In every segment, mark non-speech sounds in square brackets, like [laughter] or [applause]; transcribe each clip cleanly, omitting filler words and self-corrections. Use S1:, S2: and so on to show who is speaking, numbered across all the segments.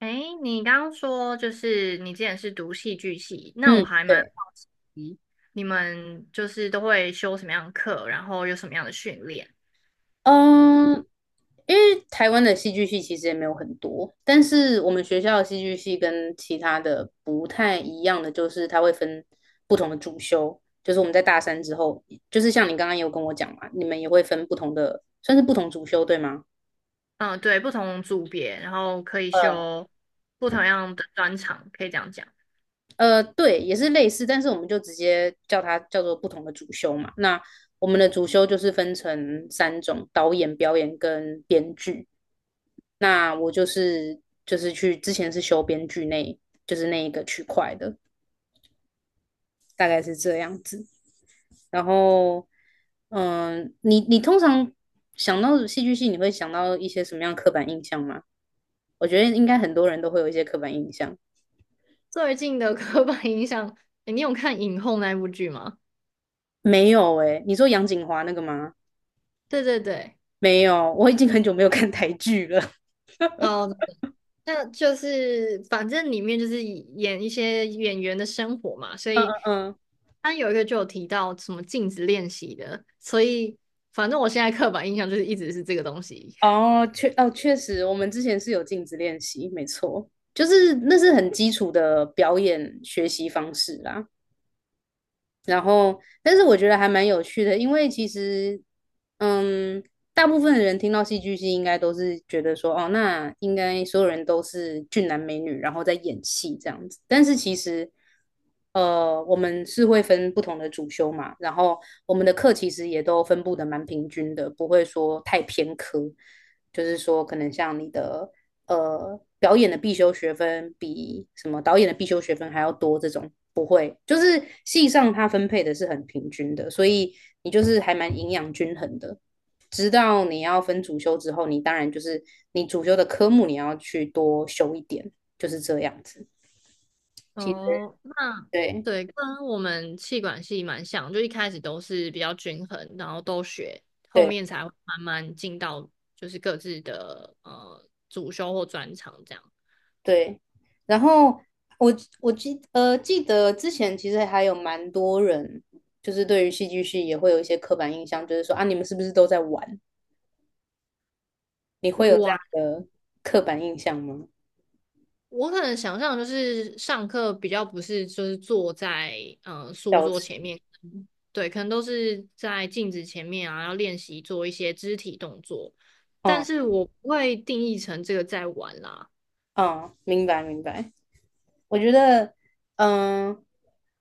S1: 哎，你刚刚说就是你之前是读戏剧系，那我
S2: 嗯，
S1: 还蛮好
S2: 对，
S1: 奇你们就是都会修什么样的课，然后有什么样的训练？
S2: 嗯，因为台湾的戏剧系其实也没有很多，但是我们学校的戏剧系跟其他的不太一样的就是，它会分不同的主修，就是我们在大三之后，就是像你刚刚有跟我讲嘛，你们也会分不同的，算是不同主修，对吗？
S1: 嗯，对，不同组别，然后可以
S2: 呃
S1: 修不同样的专长，可以这样讲。
S2: 对，也是类似，但是我们就直接叫它叫做不同的主修嘛。那我们的主修就是分成三种：导演、表演跟编剧。那我就是去之前是修编剧那，就是那一个区块的，大概是这样子。然后，你通常想到戏剧系，你会想到一些什么样的刻板印象吗？我觉得应该很多人都会有一些刻板印象。
S1: 最近的 [laughs] 刻板印象，诶你有看《影后》那部剧吗？
S2: 没有诶，你说杨锦华那个吗？
S1: 对对对。
S2: 没有，我已经很久没有看台剧了。[laughs]
S1: 哦，那就是反正里面就是演一些演员的生活嘛，所
S2: 嗯
S1: 以
S2: 嗯。
S1: 他有一个就有提到什么镜子练习的，所以反正我现在刻板印象就是一直是这个东西。
S2: 嗯，哦，确实，我们之前是有镜子练习，没错，就是那是很基础的表演学习方式啦。然后，但是我觉得还蛮有趣的，因为其实，嗯，大部分的人听到戏剧系，应该都是觉得说，哦，那应该所有人都是俊男美女，然后在演戏这样子。但是其实，我们是会分不同的主修嘛，然后我们的课其实也都分布的蛮平均的，不会说太偏科，就是说可能像你的表演的必修学分比什么导演的必修学分还要多这种，不会，就是系上它分配的是很平均的，所以你就是还蛮营养均衡的。直到你要分主修之后，你当然就是你主修的科目你要去多修一点，就是这样子。其实
S1: 哦，那
S2: 对
S1: 对，跟我们气管系蛮像，就一开始都是比较均衡，然后都学，后
S2: 对
S1: 面才会慢慢进到就是各自的主修或专长这样。
S2: 对，然后我我记得之前其实还有蛮多人，就是对于戏剧系也会有一些刻板印象，就是说啊你们是不是都在玩？你会有这样
S1: 哇。
S2: 的刻板印象吗？
S1: 我可能想象就是上课比较不是就是坐在书
S2: 消
S1: 桌前
S2: 失。
S1: 面，嗯对，可能都是在镜子前面啊，要练习做一些肢体动作，但
S2: 嗯。
S1: 是我不会定义成这个在玩啦。
S2: 嗯，明白明白。我觉得，嗯、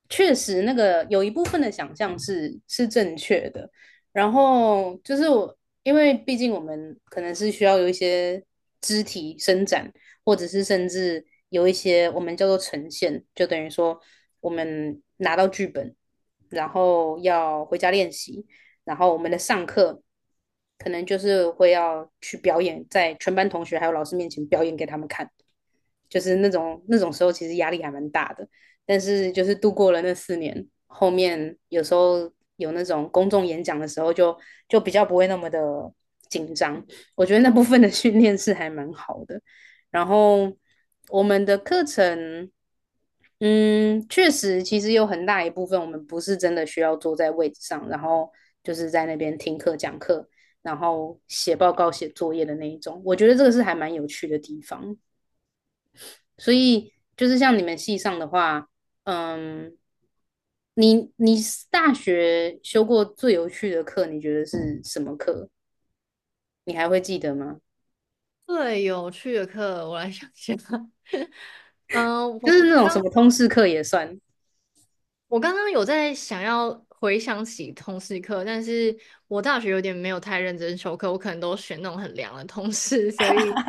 S2: 确实那个有一部分的想象是正确的。然后就是我，因为毕竟我们可能是需要有一些肢体伸展，或者是甚至有一些我们叫做呈现，就等于说我们拿到剧本，然后要回家练习，然后我们的上课可能就是会要去表演，在全班同学还有老师面前表演给他们看，就是那种时候其实压力还蛮大的。但是就是度过了那四年，后面有时候有那种公众演讲的时候就，就比较不会那么的紧张。我觉得那部分的训练是还蛮好的。然后我们的课程，嗯，确实其实有很大一部分我们不是真的需要坐在位置上，然后就是在那边听课讲课，然后写报告、写作业的那一种。我觉得这个是还蛮有趣的地方。所以就是像你们系上的话，嗯，你大学修过最有趣的课，你觉得是什么课？你还会记得吗？
S1: 最有趣的课，我来想想。[laughs] 嗯、呃
S2: 就
S1: 我
S2: 是那种
S1: 刚
S2: 什么通识课也算。
S1: 我刚刚有在想要回想起通识课，但是我大学有点没有太认真修课，我可能都选那种很凉的通识，所以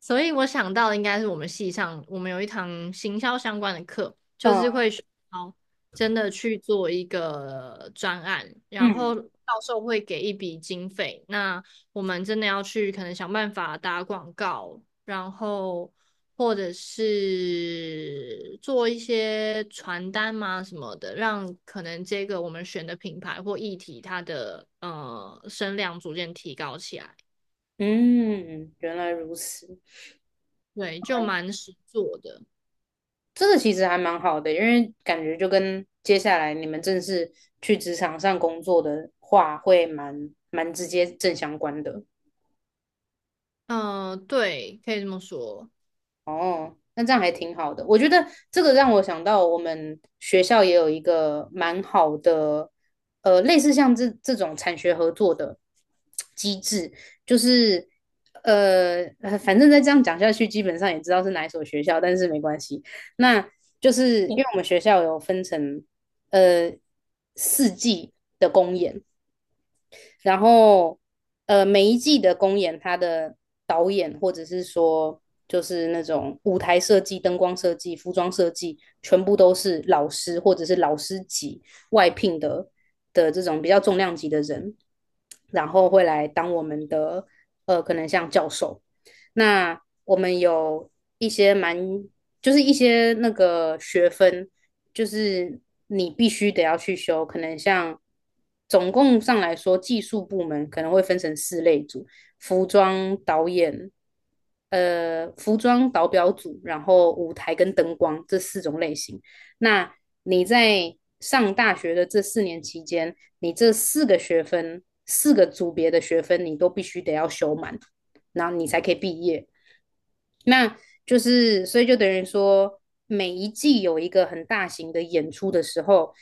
S1: 我想到的应该是我们系上，我们有一堂行销相关的课，就是
S2: 嗯
S1: 会学到真的去做一个专案，然
S2: 嗯。
S1: 后教授会给一笔经费，那我们真的要去可能想办法打广告，然后或者是做一些传单嘛什么的，让可能这个我们选的品牌或议题它的声量逐渐提高起来，
S2: 嗯，原来如此，
S1: 对，就蛮实做的。
S2: 这个其实还蛮好的，因为感觉就跟接下来你们正式去职场上工作的话，会蛮直接正相关的。
S1: 嗯，对，可以这么说。
S2: 哦，那这样还挺好的。我觉得这个让我想到，我们学校也有一个蛮好的，呃，类似像这种产学合作的机制，就是反正再这样讲下去，基本上也知道是哪一所学校，但是没关系。那就是因为我们学校有分成呃四季的公演，然后呃，每一季的公演，它的导演或者是说就是那种舞台设计、灯光设计、服装设计，全部都是老师或者是老师级外聘的这种比较重量级的人，然后会来当我们的可能像教授。那我们有一些蛮，就是一些那个学分，就是你必须得要去修，可能像总共上来说，技术部门可能会分成四类组：服装导演、服装导表组，然后舞台跟灯光这四种类型。那你在上大学的这四年期间，你这四个学分、四个组别的学分，你都必须得要修满，然后你才可以毕业。那就是所以就等于说，每一季有一个很大型的演出的时候，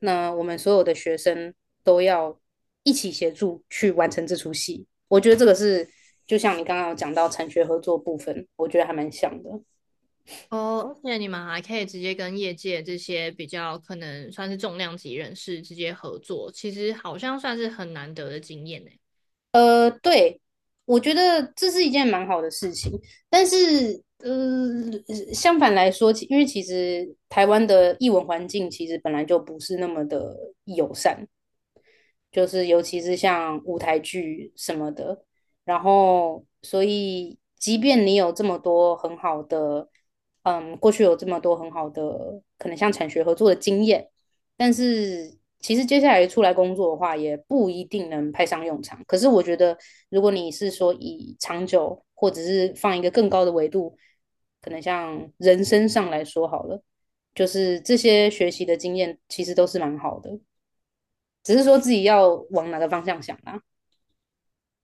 S2: 那我们所有的学生都要一起协助去完成这出戏。我觉得这个是就像你刚刚有讲到产学合作部分，我觉得还蛮像的。
S1: 哦，而且你们还可以直接跟业界这些比较可能算是重量级人士直接合作，其实好像算是很难得的经验呢。
S2: 对，我觉得这是一件蛮好的事情，但是。相反来说，因为其实台湾的译文环境其实本来就不是那么的友善，就是尤其是像舞台剧什么的。然后，所以即便你有这么多很好的，嗯，过去有这么多很好的，可能像产学合作的经验，但是其实接下来出来工作的话，也不一定能派上用场。可是我觉得，如果你是说以长久，或者是放一个更高的维度，可能像人生上来说好了，就是这些学习的经验其实都是蛮好的。只是说自己要往哪个方向想啦、啊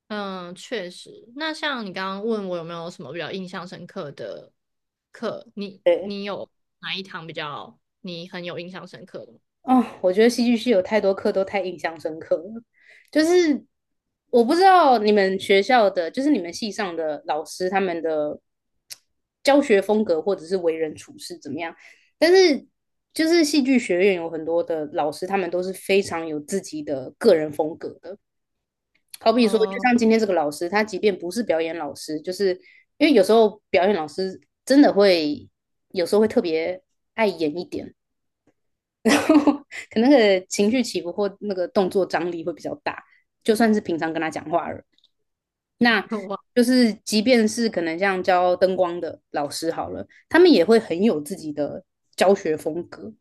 S1: 嗯，确实。那像你刚刚问我有没有什么比较印象深刻的课，你
S2: 对，
S1: 你有哪一堂比较你很有印象深刻的吗？
S2: 哦，我觉得戏剧系有太多课都太印象深刻了，就是我不知道你们学校的，就是你们系上的老师他们的教学风格或者是为人处事怎么样，但是就是戏剧学院有很多的老师，他们都是非常有自己的个人风格的，好比说，就
S1: 哦，
S2: 像今天这个老师，他即便不是表演老师，就是因为有时候表演老师真的会有时候会特别爱演一点，然后可能那个情绪起伏或那个动作张力会比较大，就算是平常跟他讲话了，那
S1: 我
S2: 就是即便是可能像教灯光的老师好了，他们也会很有自己的教学风格，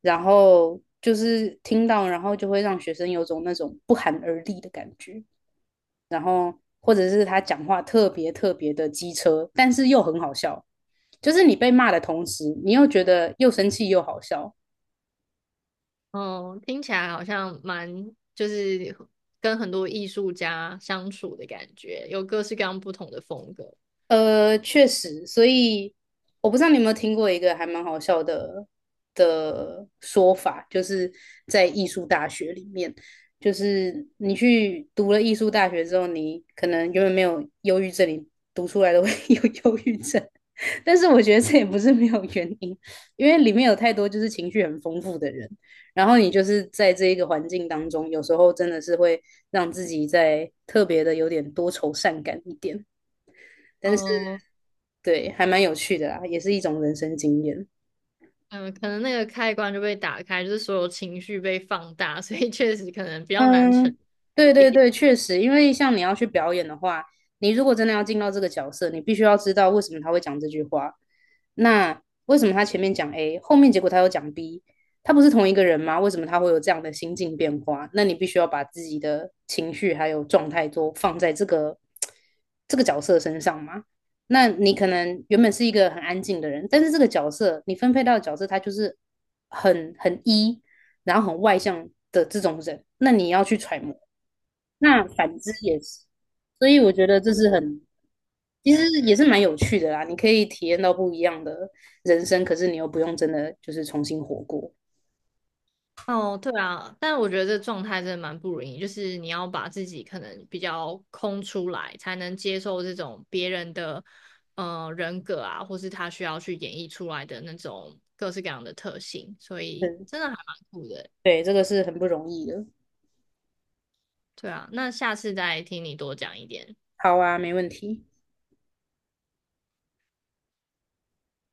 S2: 然后就是听到，然后就会让学生有种那种不寒而栗的感觉。然后或者是他讲话特别特别的机车，但是又很好笑，就是你被骂的同时，你又觉得又生气又好笑，
S1: 哦，听起来好像蛮就是跟很多艺术家相处的感觉，有各式各样不同的风格。
S2: 确实，所以我不知道你有没有听过一个还蛮好笑的说法，就是在艺术大学里面，就是你去读了艺术大学之后，你可能永远没有忧郁症，你读出来都会 [laughs] 有忧郁症，但是我觉得这也不是没有原因，因为里面有太多就是情绪很丰富的人，然后你就是在这一个环境当中，有时候真的是会让自己在特别的有点多愁善感一点。但是。
S1: 哦，
S2: 对，还蛮有趣的啊，也是一种人生经验。
S1: 嗯，可能那个开关就被打开，就是所有情绪被放大，[laughs] 所以确实可能比较难沉
S2: 嗯，对对
S1: 淀。
S2: 对，确实，因为像你要去表演的话，你如果真的要进到这个角色，你必须要知道为什么他会讲这句话。那为什么他前面讲 A，后面结果他又讲 B，他不是同一个人吗？为什么他会有这样的心境变化？那你必须要把自己的情绪还有状态都放在这个角色身上嘛。那你可能原本是一个很安静的人，但是这个角色你分配到的角色，他就是很 E，然后很外向的这种人，那你要去揣摩。那反之也是，所以我觉得这是很，其实也是蛮有趣的啦。你可以体验到不一样的人生，可是你又不用真的就是重新活过。
S1: 哦，对啊，但我觉得这状态真的蛮不容易，就是你要把自己可能比较空出来，才能接受这种别人的人格啊，或是他需要去演绎出来的那种各式各样的特性，所以
S2: 嗯，
S1: 真的还蛮酷的欸。
S2: 对，这个是很不容易的。
S1: 对啊，那下次再听你多讲一点。
S2: 好啊，没问题。